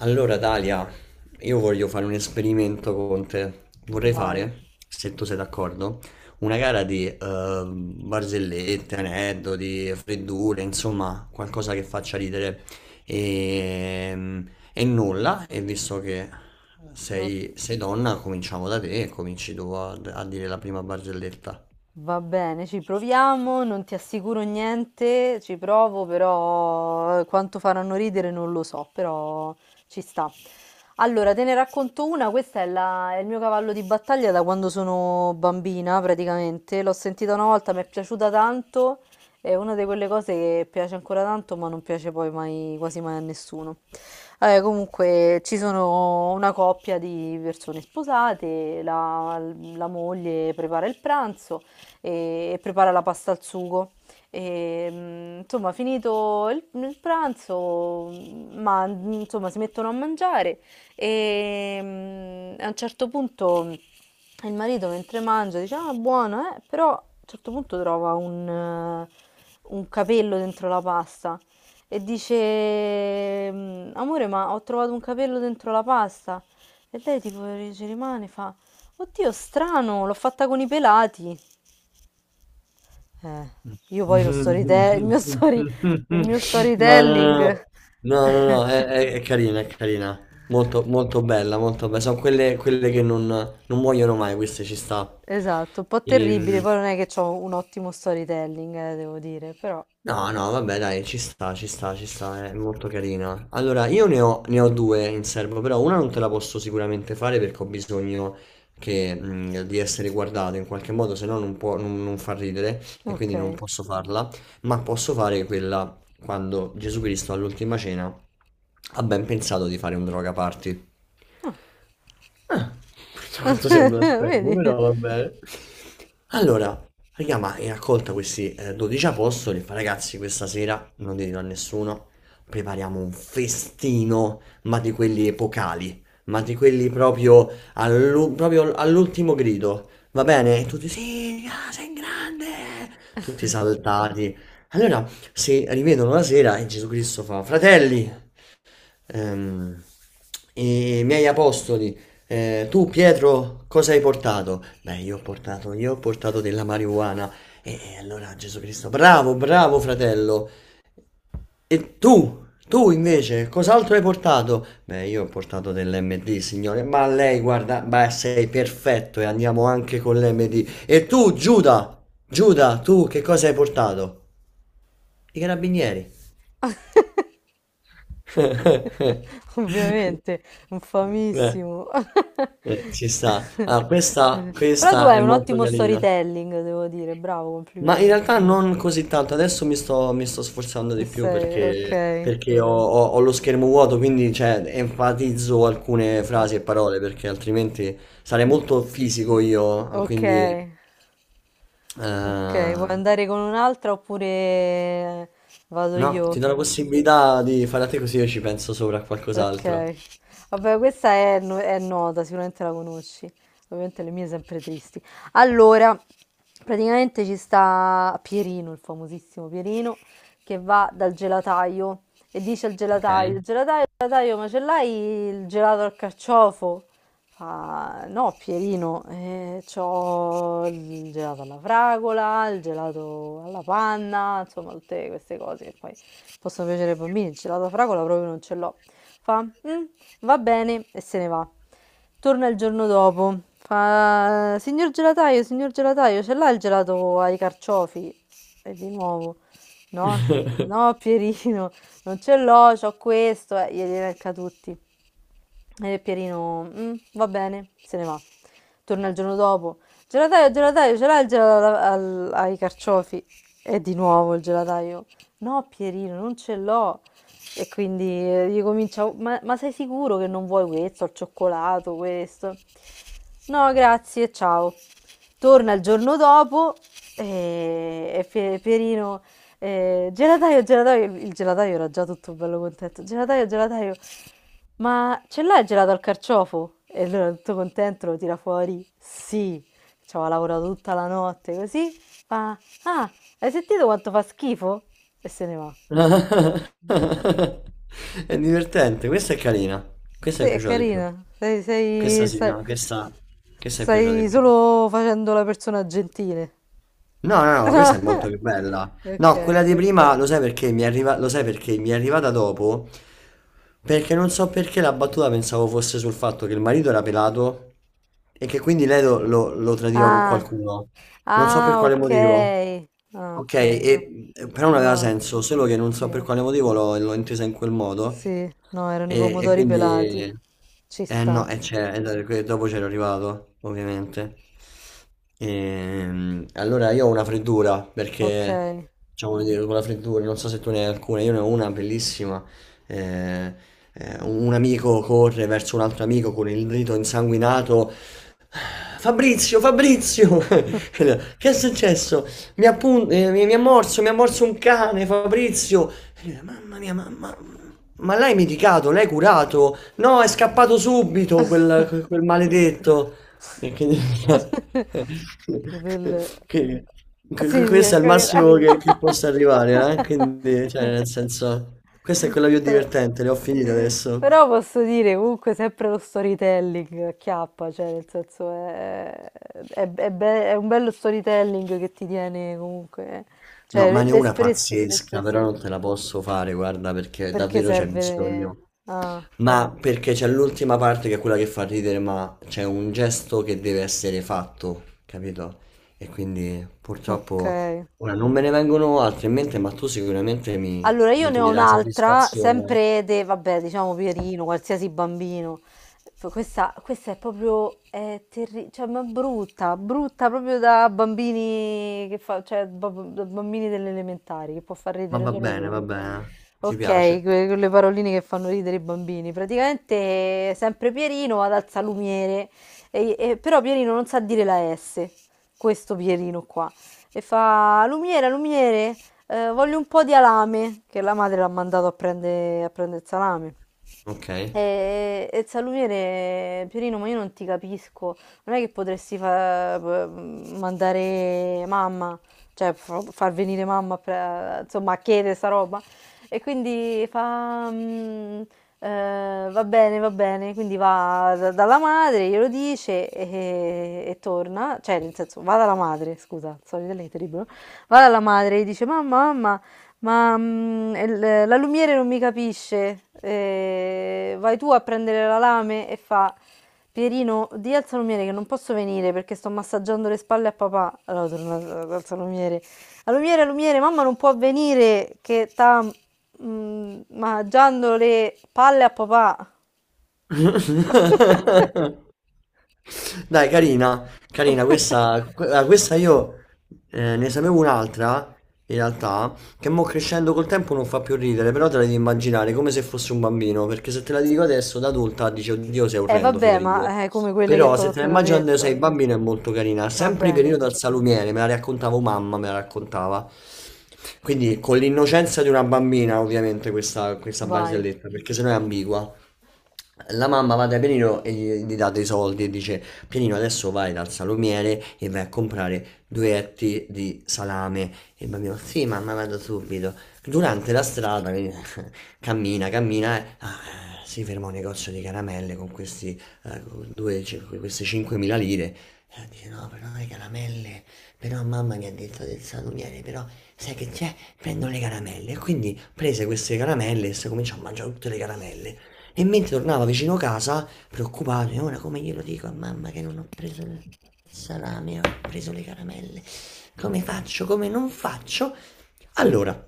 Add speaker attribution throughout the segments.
Speaker 1: Allora, Dalia, io voglio fare un esperimento con te. Vorrei
Speaker 2: Vai,
Speaker 1: fare, se tu sei d'accordo, una gara di barzellette, aneddoti, freddure, insomma, qualcosa che faccia ridere. E, e nulla, e visto che sei,
Speaker 2: ok.
Speaker 1: sei donna, cominciamo da te e cominci tu a dire la prima barzelletta.
Speaker 2: Va bene, ci proviamo, non ti assicuro niente, ci provo, però quanto faranno ridere non lo so, però ci sta. Allora, te ne racconto una, questa è, è il mio cavallo di battaglia da quando sono bambina, praticamente. L'ho sentita una volta, mi è piaciuta tanto, è una di quelle cose che piace ancora tanto, ma non piace poi mai, quasi mai a nessuno. Comunque ci sono una coppia di persone sposate, la moglie prepara il pranzo e prepara la pasta al sugo. E, insomma, finito il pranzo, insomma, si mettono a mangiare e a un certo punto il marito mentre mangia dice, ah, buono, eh? Però a un certo punto trova un capello dentro la pasta e dice, "Mm, amore, ma ho trovato un capello dentro la pasta." E lei tipo ci rimane, fa, oddio, strano, l'ho fatta con i pelati. Eh,
Speaker 1: No,
Speaker 2: io poi lo storytelling,
Speaker 1: no,
Speaker 2: il mio
Speaker 1: no,
Speaker 2: storytelling,
Speaker 1: no, no, è carina, è carina. Molto, molto bella, molto bella. Sono quelle, quelle che non muoiono mai, queste ci sta.
Speaker 2: esatto, un po' terribile,
Speaker 1: Ehm,
Speaker 2: poi non è che ho un ottimo storytelling, devo dire, però,
Speaker 1: No, no, vabbè, dai, ci sta, ci sta, ci sta, è molto carina. Allora, io ne ho, ne ho due in serbo, però una non te la posso sicuramente fare perché ho bisogno che, di essere guardato in qualche modo, se no non può, non, non fa ridere e
Speaker 2: ok,
Speaker 1: quindi non posso farla, ma posso fare quella quando Gesù Cristo all'ultima cena ha ben pensato di fare un droga party. Ah, questo quanto sembra un spermo,
Speaker 2: vedi,
Speaker 1: però va bene. Allora, raga, ma hai raccolta questi 12 apostoli, fa, ragazzi, questa sera non dirlo a nessuno, prepariamo un festino, ma di quelli epocali, ma di quelli proprio, proprio all'ultimo grido, va bene? E tutti, sì, raga, sei grande, tutti saltati. Allora, si rivedono la sera e Gesù Cristo fa, fratelli, Ehm, i miei apostoli, tu Pietro, cosa hai portato? Beh, io ho portato della marijuana. E allora Gesù Cristo, bravo, bravo fratello. E tu invece, cos'altro hai portato? Beh, io ho portato dell'MD, signore. Ma lei, guarda, beh, sei perfetto e andiamo anche con l'MD. E tu, Giuda, Giuda, tu che cosa hai portato? I carabinieri.
Speaker 2: ovviamente, un
Speaker 1: Eh,
Speaker 2: famissimo,
Speaker 1: ci sta. Ah, questa,
Speaker 2: però tu
Speaker 1: questa
Speaker 2: hai
Speaker 1: è
Speaker 2: un
Speaker 1: molto
Speaker 2: ottimo
Speaker 1: carina.
Speaker 2: storytelling, devo dire, bravo,
Speaker 1: Ma in
Speaker 2: complimenti,
Speaker 1: realtà non così tanto, adesso mi sto sforzando
Speaker 2: ci
Speaker 1: di più
Speaker 2: sei, ok,
Speaker 1: perché ho, ho lo schermo vuoto, quindi cioè, enfatizzo alcune
Speaker 2: Eh,
Speaker 1: frasi e parole perché altrimenti sarei
Speaker 2: mm,
Speaker 1: molto fisico
Speaker 2: mm,
Speaker 1: io,
Speaker 2: ok.
Speaker 1: quindi
Speaker 2: Ok, vuoi andare con un'altra oppure vado
Speaker 1: no, ti
Speaker 2: io?
Speaker 1: do la possibilità di fare a te così io ci penso sopra a
Speaker 2: Ok,
Speaker 1: qualcos'altro,
Speaker 2: vabbè, questa è, è nota, sicuramente la conosci. Ovviamente le mie sempre tristi. Allora, praticamente ci sta Pierino, il famosissimo Pierino, che va dal gelataio e dice al
Speaker 1: ok?
Speaker 2: gelataio: gelataio, gelataio, ma ce l'hai il gelato al carciofo? Fa, no, Pierino, c'ho il gelato alla fragola, il gelato alla panna, insomma, tutte queste cose che poi possono piacere ai bambini, il gelato alla fragola proprio non ce l'ho. Fa, "Mm, va bene" e se ne va. Torna il giorno dopo, fa, signor gelataio, ce l'ha il gelato ai carciofi? E di nuovo, no, no Pierino, non ce l'ho, c'ho questo, e glieli elenca tutti. E Pierino, "Mm, va bene", se ne va. Torna il giorno dopo. Gelataio, gelataio, ce l'hai il gelato ai carciofi? E di nuovo il gelataio. No, Pierino, non ce l'ho. E quindi gli comincia, "Oh, ma sei sicuro che non vuoi questo, al cioccolato, questo?" No, grazie, ciao. Torna il giorno dopo e Pierino, gelataio, gelataio, il gelataio era già tutto bello contento. Gelataio, gelataio, ma ce l'hai il gelato al carciofo? E allora tutto contento lo tira fuori. Sì, ci aveva lavorato tutta la notte così. Fa, ah, hai sentito quanto fa schifo? E se ne va.
Speaker 1: È divertente, questa è carina. Questa
Speaker 2: Sì,
Speaker 1: mi è
Speaker 2: è
Speaker 1: piaciuta di più.
Speaker 2: carina.
Speaker 1: Questa sì, no, questa mi è piaciuta di
Speaker 2: Stai
Speaker 1: più.
Speaker 2: solo facendo la persona gentile.
Speaker 1: No, no, no, questa è molto più bella. No, quella
Speaker 2: Ok.
Speaker 1: di prima lo sai perché mi è arrivata dopo? Perché non so perché la battuta pensavo fosse sul fatto che il marito era pelato e che quindi lei lo tradiva con
Speaker 2: Ah,
Speaker 1: qualcuno. Non so per
Speaker 2: ah,
Speaker 1: quale motivo.
Speaker 2: ok. Ah, ok.
Speaker 1: Ok, e però non aveva
Speaker 2: No,
Speaker 1: senso, solo che non so per
Speaker 2: sì,
Speaker 1: quale motivo l'ho intesa in quel modo
Speaker 2: sì, no, erano i
Speaker 1: e
Speaker 2: pomodori pelati.
Speaker 1: quindi...
Speaker 2: Ci
Speaker 1: Eh
Speaker 2: sta,
Speaker 1: no, e c'è- e da- que- dopo c'ero arrivato, ovviamente. Allora io ho una freddura,
Speaker 2: ok.
Speaker 1: perché diciamo come dire, con la freddura, non so se tu ne hai alcune, io ne ho una bellissima. eh, un amico corre verso un altro amico con il dito insanguinato. "Ah, Fabrizio, Fabrizio! Che è successo? Mi ha morso un cane, Fabrizio. E lui, mamma mia, mamma. Ma l'hai medicato? L'hai curato? No, è scappato subito quel maledetto. E quindi-
Speaker 2: Che
Speaker 1: che-
Speaker 2: bel sì, sì, ho
Speaker 1: questo è il
Speaker 2: capito.
Speaker 1: massimo che possa arrivare, eh? Quindi, cioè, nel senso, questa è quella più
Speaker 2: 3.
Speaker 1: divertente, le ho finite adesso.
Speaker 2: Però posso dire comunque sempre lo storytelling acchiappa, cioè nel senso è, è un bello storytelling che ti tiene comunque, eh.
Speaker 1: No,
Speaker 2: Cioè
Speaker 1: ma ne ho una pazzesca, però
Speaker 2: l'espressione,
Speaker 1: non te la posso fare, guarda, perché
Speaker 2: perché
Speaker 1: davvero c'è
Speaker 2: serve...
Speaker 1: bisogno.
Speaker 2: Ah,
Speaker 1: Ma perché c'è l'ultima parte che è quella che fa ridere, ma c'è un gesto che deve essere fatto, capito? E quindi
Speaker 2: ok.
Speaker 1: purtroppo ora non me ne vengono altri in mente, ma tu sicuramente
Speaker 2: Allora, io
Speaker 1: mi
Speaker 2: ne ho
Speaker 1: toglierai
Speaker 2: un'altra,
Speaker 1: soddisfazione.
Speaker 2: sempre de, vabbè, diciamo Pierino, qualsiasi bambino. Questa, questa è proprio, cioè, ma è brutta, brutta proprio da bambini che fa, cioè, da bambini delle elementari, che può far
Speaker 1: Ma
Speaker 2: ridere solo
Speaker 1: va
Speaker 2: loro.
Speaker 1: bene, ti
Speaker 2: Ok,
Speaker 1: piace.
Speaker 2: quelle paroline che fanno ridere i bambini. Praticamente, sempre Pierino va dal salumiere, però Pierino non sa dire la S, questo Pierino qua. E fa, lumiere, lumiere, voglio un po' di alame, che la madre l'ha mandato a prendere a prende il salame.
Speaker 1: Ok.
Speaker 2: E il salumiere, Pierino, ma io non ti capisco. Non è che potresti mandare mamma, cioè far venire mamma, a insomma, a chiedere sta roba. E quindi fa... "Mm, va bene, va bene." Quindi va dalla madre, glielo dice e torna. Cioè, nel senso, va dalla madre, scusa, solito lei è terribile. Va dalla madre e dice, mamma, mamma. Ma, el la lumiere non mi capisce. Vai tu a prendere la lame, e fa: "Pierino, dì alzalumiere che non posso venire perché sto massaggiando le spalle a papà". Allora torna da dall'alzalumiere: "Alumiere, alumiere, mamma non può venire che sta, mangiando le palle a papà".
Speaker 1: Dai, carina, carina, questa io ne sapevo un'altra, in realtà, che mo crescendo col tempo non fa più ridere, però te la devi immaginare come se fosse un bambino, perché se te la dico adesso da adulta dici, oddio, sei
Speaker 2: Eh
Speaker 1: orrendo,
Speaker 2: vabbè,
Speaker 1: Federico.
Speaker 2: ma, come quelle che
Speaker 1: Però
Speaker 2: t'ho
Speaker 1: se te la
Speaker 2: appena
Speaker 1: immagini quando
Speaker 2: detto.
Speaker 1: sei bambino è molto carina,
Speaker 2: Va
Speaker 1: sempre
Speaker 2: bene,
Speaker 1: periodo al salumiere, me la raccontavo mamma, me la raccontava. Quindi con l'innocenza di una bambina, ovviamente, questa
Speaker 2: vai.
Speaker 1: barzelletta, perché sennò è ambigua. La mamma va da Pianino e gli dà dei soldi e dice: Pianino, adesso vai dal salumiere e vai a comprare due etti di salame. E il bambino: sì, mamma, vado subito. Durante la strada quindi, cammina, cammina. Si ferma a un negozio di caramelle con questi, con queste 5.000 lire. E dice: no, però le caramelle. Però mamma mi ha detto del salumiere, però sai che c'è? Prendo le caramelle. E quindi prese queste caramelle e si cominciò a mangiare tutte le caramelle. E mentre tornava vicino casa, preoccupato, e ora come glielo dico a mamma che non ho preso il salame, ho preso le caramelle, come faccio, come non faccio? Allora,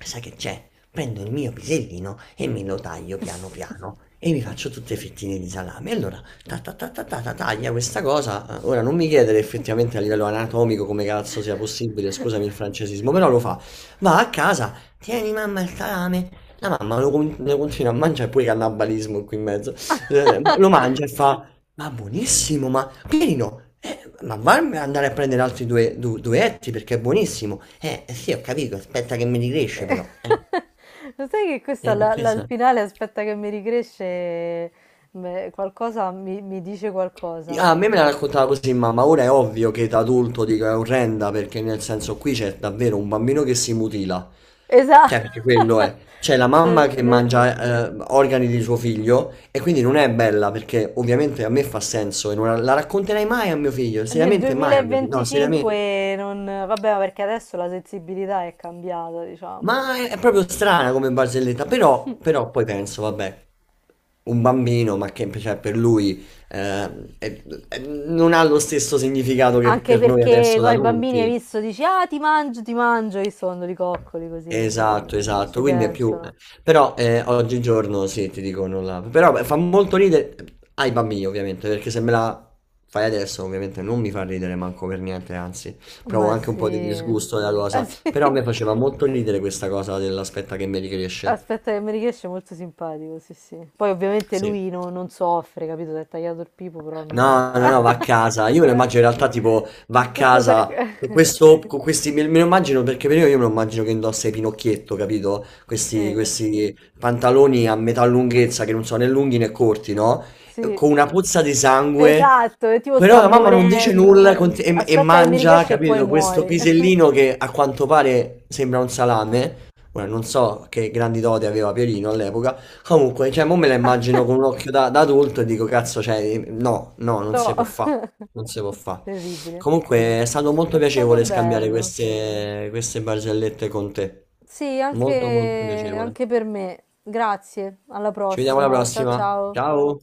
Speaker 1: sai che c'è? Prendo il mio pisellino e me lo taglio piano piano e mi faccio tutte fettine di salame. Allora, ta ta ta ta ta ta, taglia questa cosa. Ora non mi chiedere effettivamente a livello anatomico come cazzo sia possibile, scusami il francesismo, però lo fa. Va a casa, tieni mamma il salame, la mamma lo continua a mangiare, pure cannibalismo qui in mezzo. Lo mangia e fa, ma buonissimo, ma Pierino, ma varmi andare a prendere altri due, duetti perché è buonissimo. Sì, ho capito, aspetta che mi ricresce però.
Speaker 2: Lo sai che questa la-
Speaker 1: Che
Speaker 2: la- al
Speaker 1: sa?
Speaker 2: finale aspetta che mi ricresce qualcosa mi dice qualcosa.
Speaker 1: A me me la raccontava così mamma, ora è ovvio che da adulto dico è orrenda perché nel senso qui c'è davvero un bambino che si mutila,
Speaker 2: Esatto.
Speaker 1: cioè perché quello è, c'è la mamma che
Speaker 2: Nel,
Speaker 1: mangia organi di suo figlio e quindi non è bella perché ovviamente a me fa senso e non la racconterai mai a mio figlio,
Speaker 2: nel
Speaker 1: seriamente mai a mio figlio, no seriamente.
Speaker 2: 2025 non... Vabbè, ma perché adesso la sensibilità è cambiata, diciamo.
Speaker 1: Ma è proprio strana come barzelletta, però, però poi penso, vabbè, un bambino, ma che cioè, per lui non ha lo stesso significato che
Speaker 2: Anche
Speaker 1: per noi
Speaker 2: perché
Speaker 1: adesso da
Speaker 2: ai bambini hai
Speaker 1: adulti.
Speaker 2: visto, dici, ah, ti mangio, che sono di coccoli così, quindi
Speaker 1: Esatto,
Speaker 2: non ci
Speaker 1: esatto, quindi è più...
Speaker 2: pensano.
Speaker 1: Però oggigiorno sì, ti dico non la... Però beh, fa molto ridere ai bambini ovviamente, perché se me la fai adesso ovviamente non mi fa ridere manco per niente, anzi, provo
Speaker 2: Ma
Speaker 1: anche un po' di
Speaker 2: sì.
Speaker 1: disgusto della
Speaker 2: Ah,
Speaker 1: cosa,
Speaker 2: sì.
Speaker 1: però a me faceva molto ridere questa cosa dell'aspetta che mi ricresce.
Speaker 2: Aspetta che mi riesce, è molto simpatico, sì sì. Poi ovviamente
Speaker 1: Sì.
Speaker 2: lui non soffre, capito? Si è tagliato il pipo, però non...
Speaker 1: No, no, no, va a casa. Io me lo
Speaker 2: Eh,
Speaker 1: immagino in realtà tipo va a
Speaker 2: tutto sa...
Speaker 1: casa con questo, me lo immagino perché per io me lo immagino che indossa i Pinocchietto, capito?
Speaker 2: Sì,
Speaker 1: Questi pantaloni a metà lunghezza che non sono né lunghi né corti, no?
Speaker 2: sì,
Speaker 1: Con una puzza di sangue
Speaker 2: esatto, e tipo
Speaker 1: però
Speaker 2: sta
Speaker 1: la mamma non dice
Speaker 2: morendo.
Speaker 1: nulla e
Speaker 2: Aspetta che mi
Speaker 1: mangia,
Speaker 2: riesce e poi
Speaker 1: capito, questo
Speaker 2: muore.
Speaker 1: pisellino che a quanto pare sembra un salame. Ora non so che grandi doti aveva Pierino all'epoca. Comunque, cioè, mo me la immagino con un occhio da adulto e dico, cazzo, cioè, no, no, non
Speaker 2: No,
Speaker 1: si può fare. Non si può fare.
Speaker 2: terribile.
Speaker 1: Comunque, è stato molto
Speaker 2: È stato
Speaker 1: piacevole scambiare
Speaker 2: bello.
Speaker 1: queste barzellette con te.
Speaker 2: Sì,
Speaker 1: Molto, molto
Speaker 2: anche
Speaker 1: piacevole.
Speaker 2: anche per me. Grazie, alla
Speaker 1: Ci vediamo alla
Speaker 2: prossima. Ciao
Speaker 1: prossima.
Speaker 2: ciao.
Speaker 1: Ciao.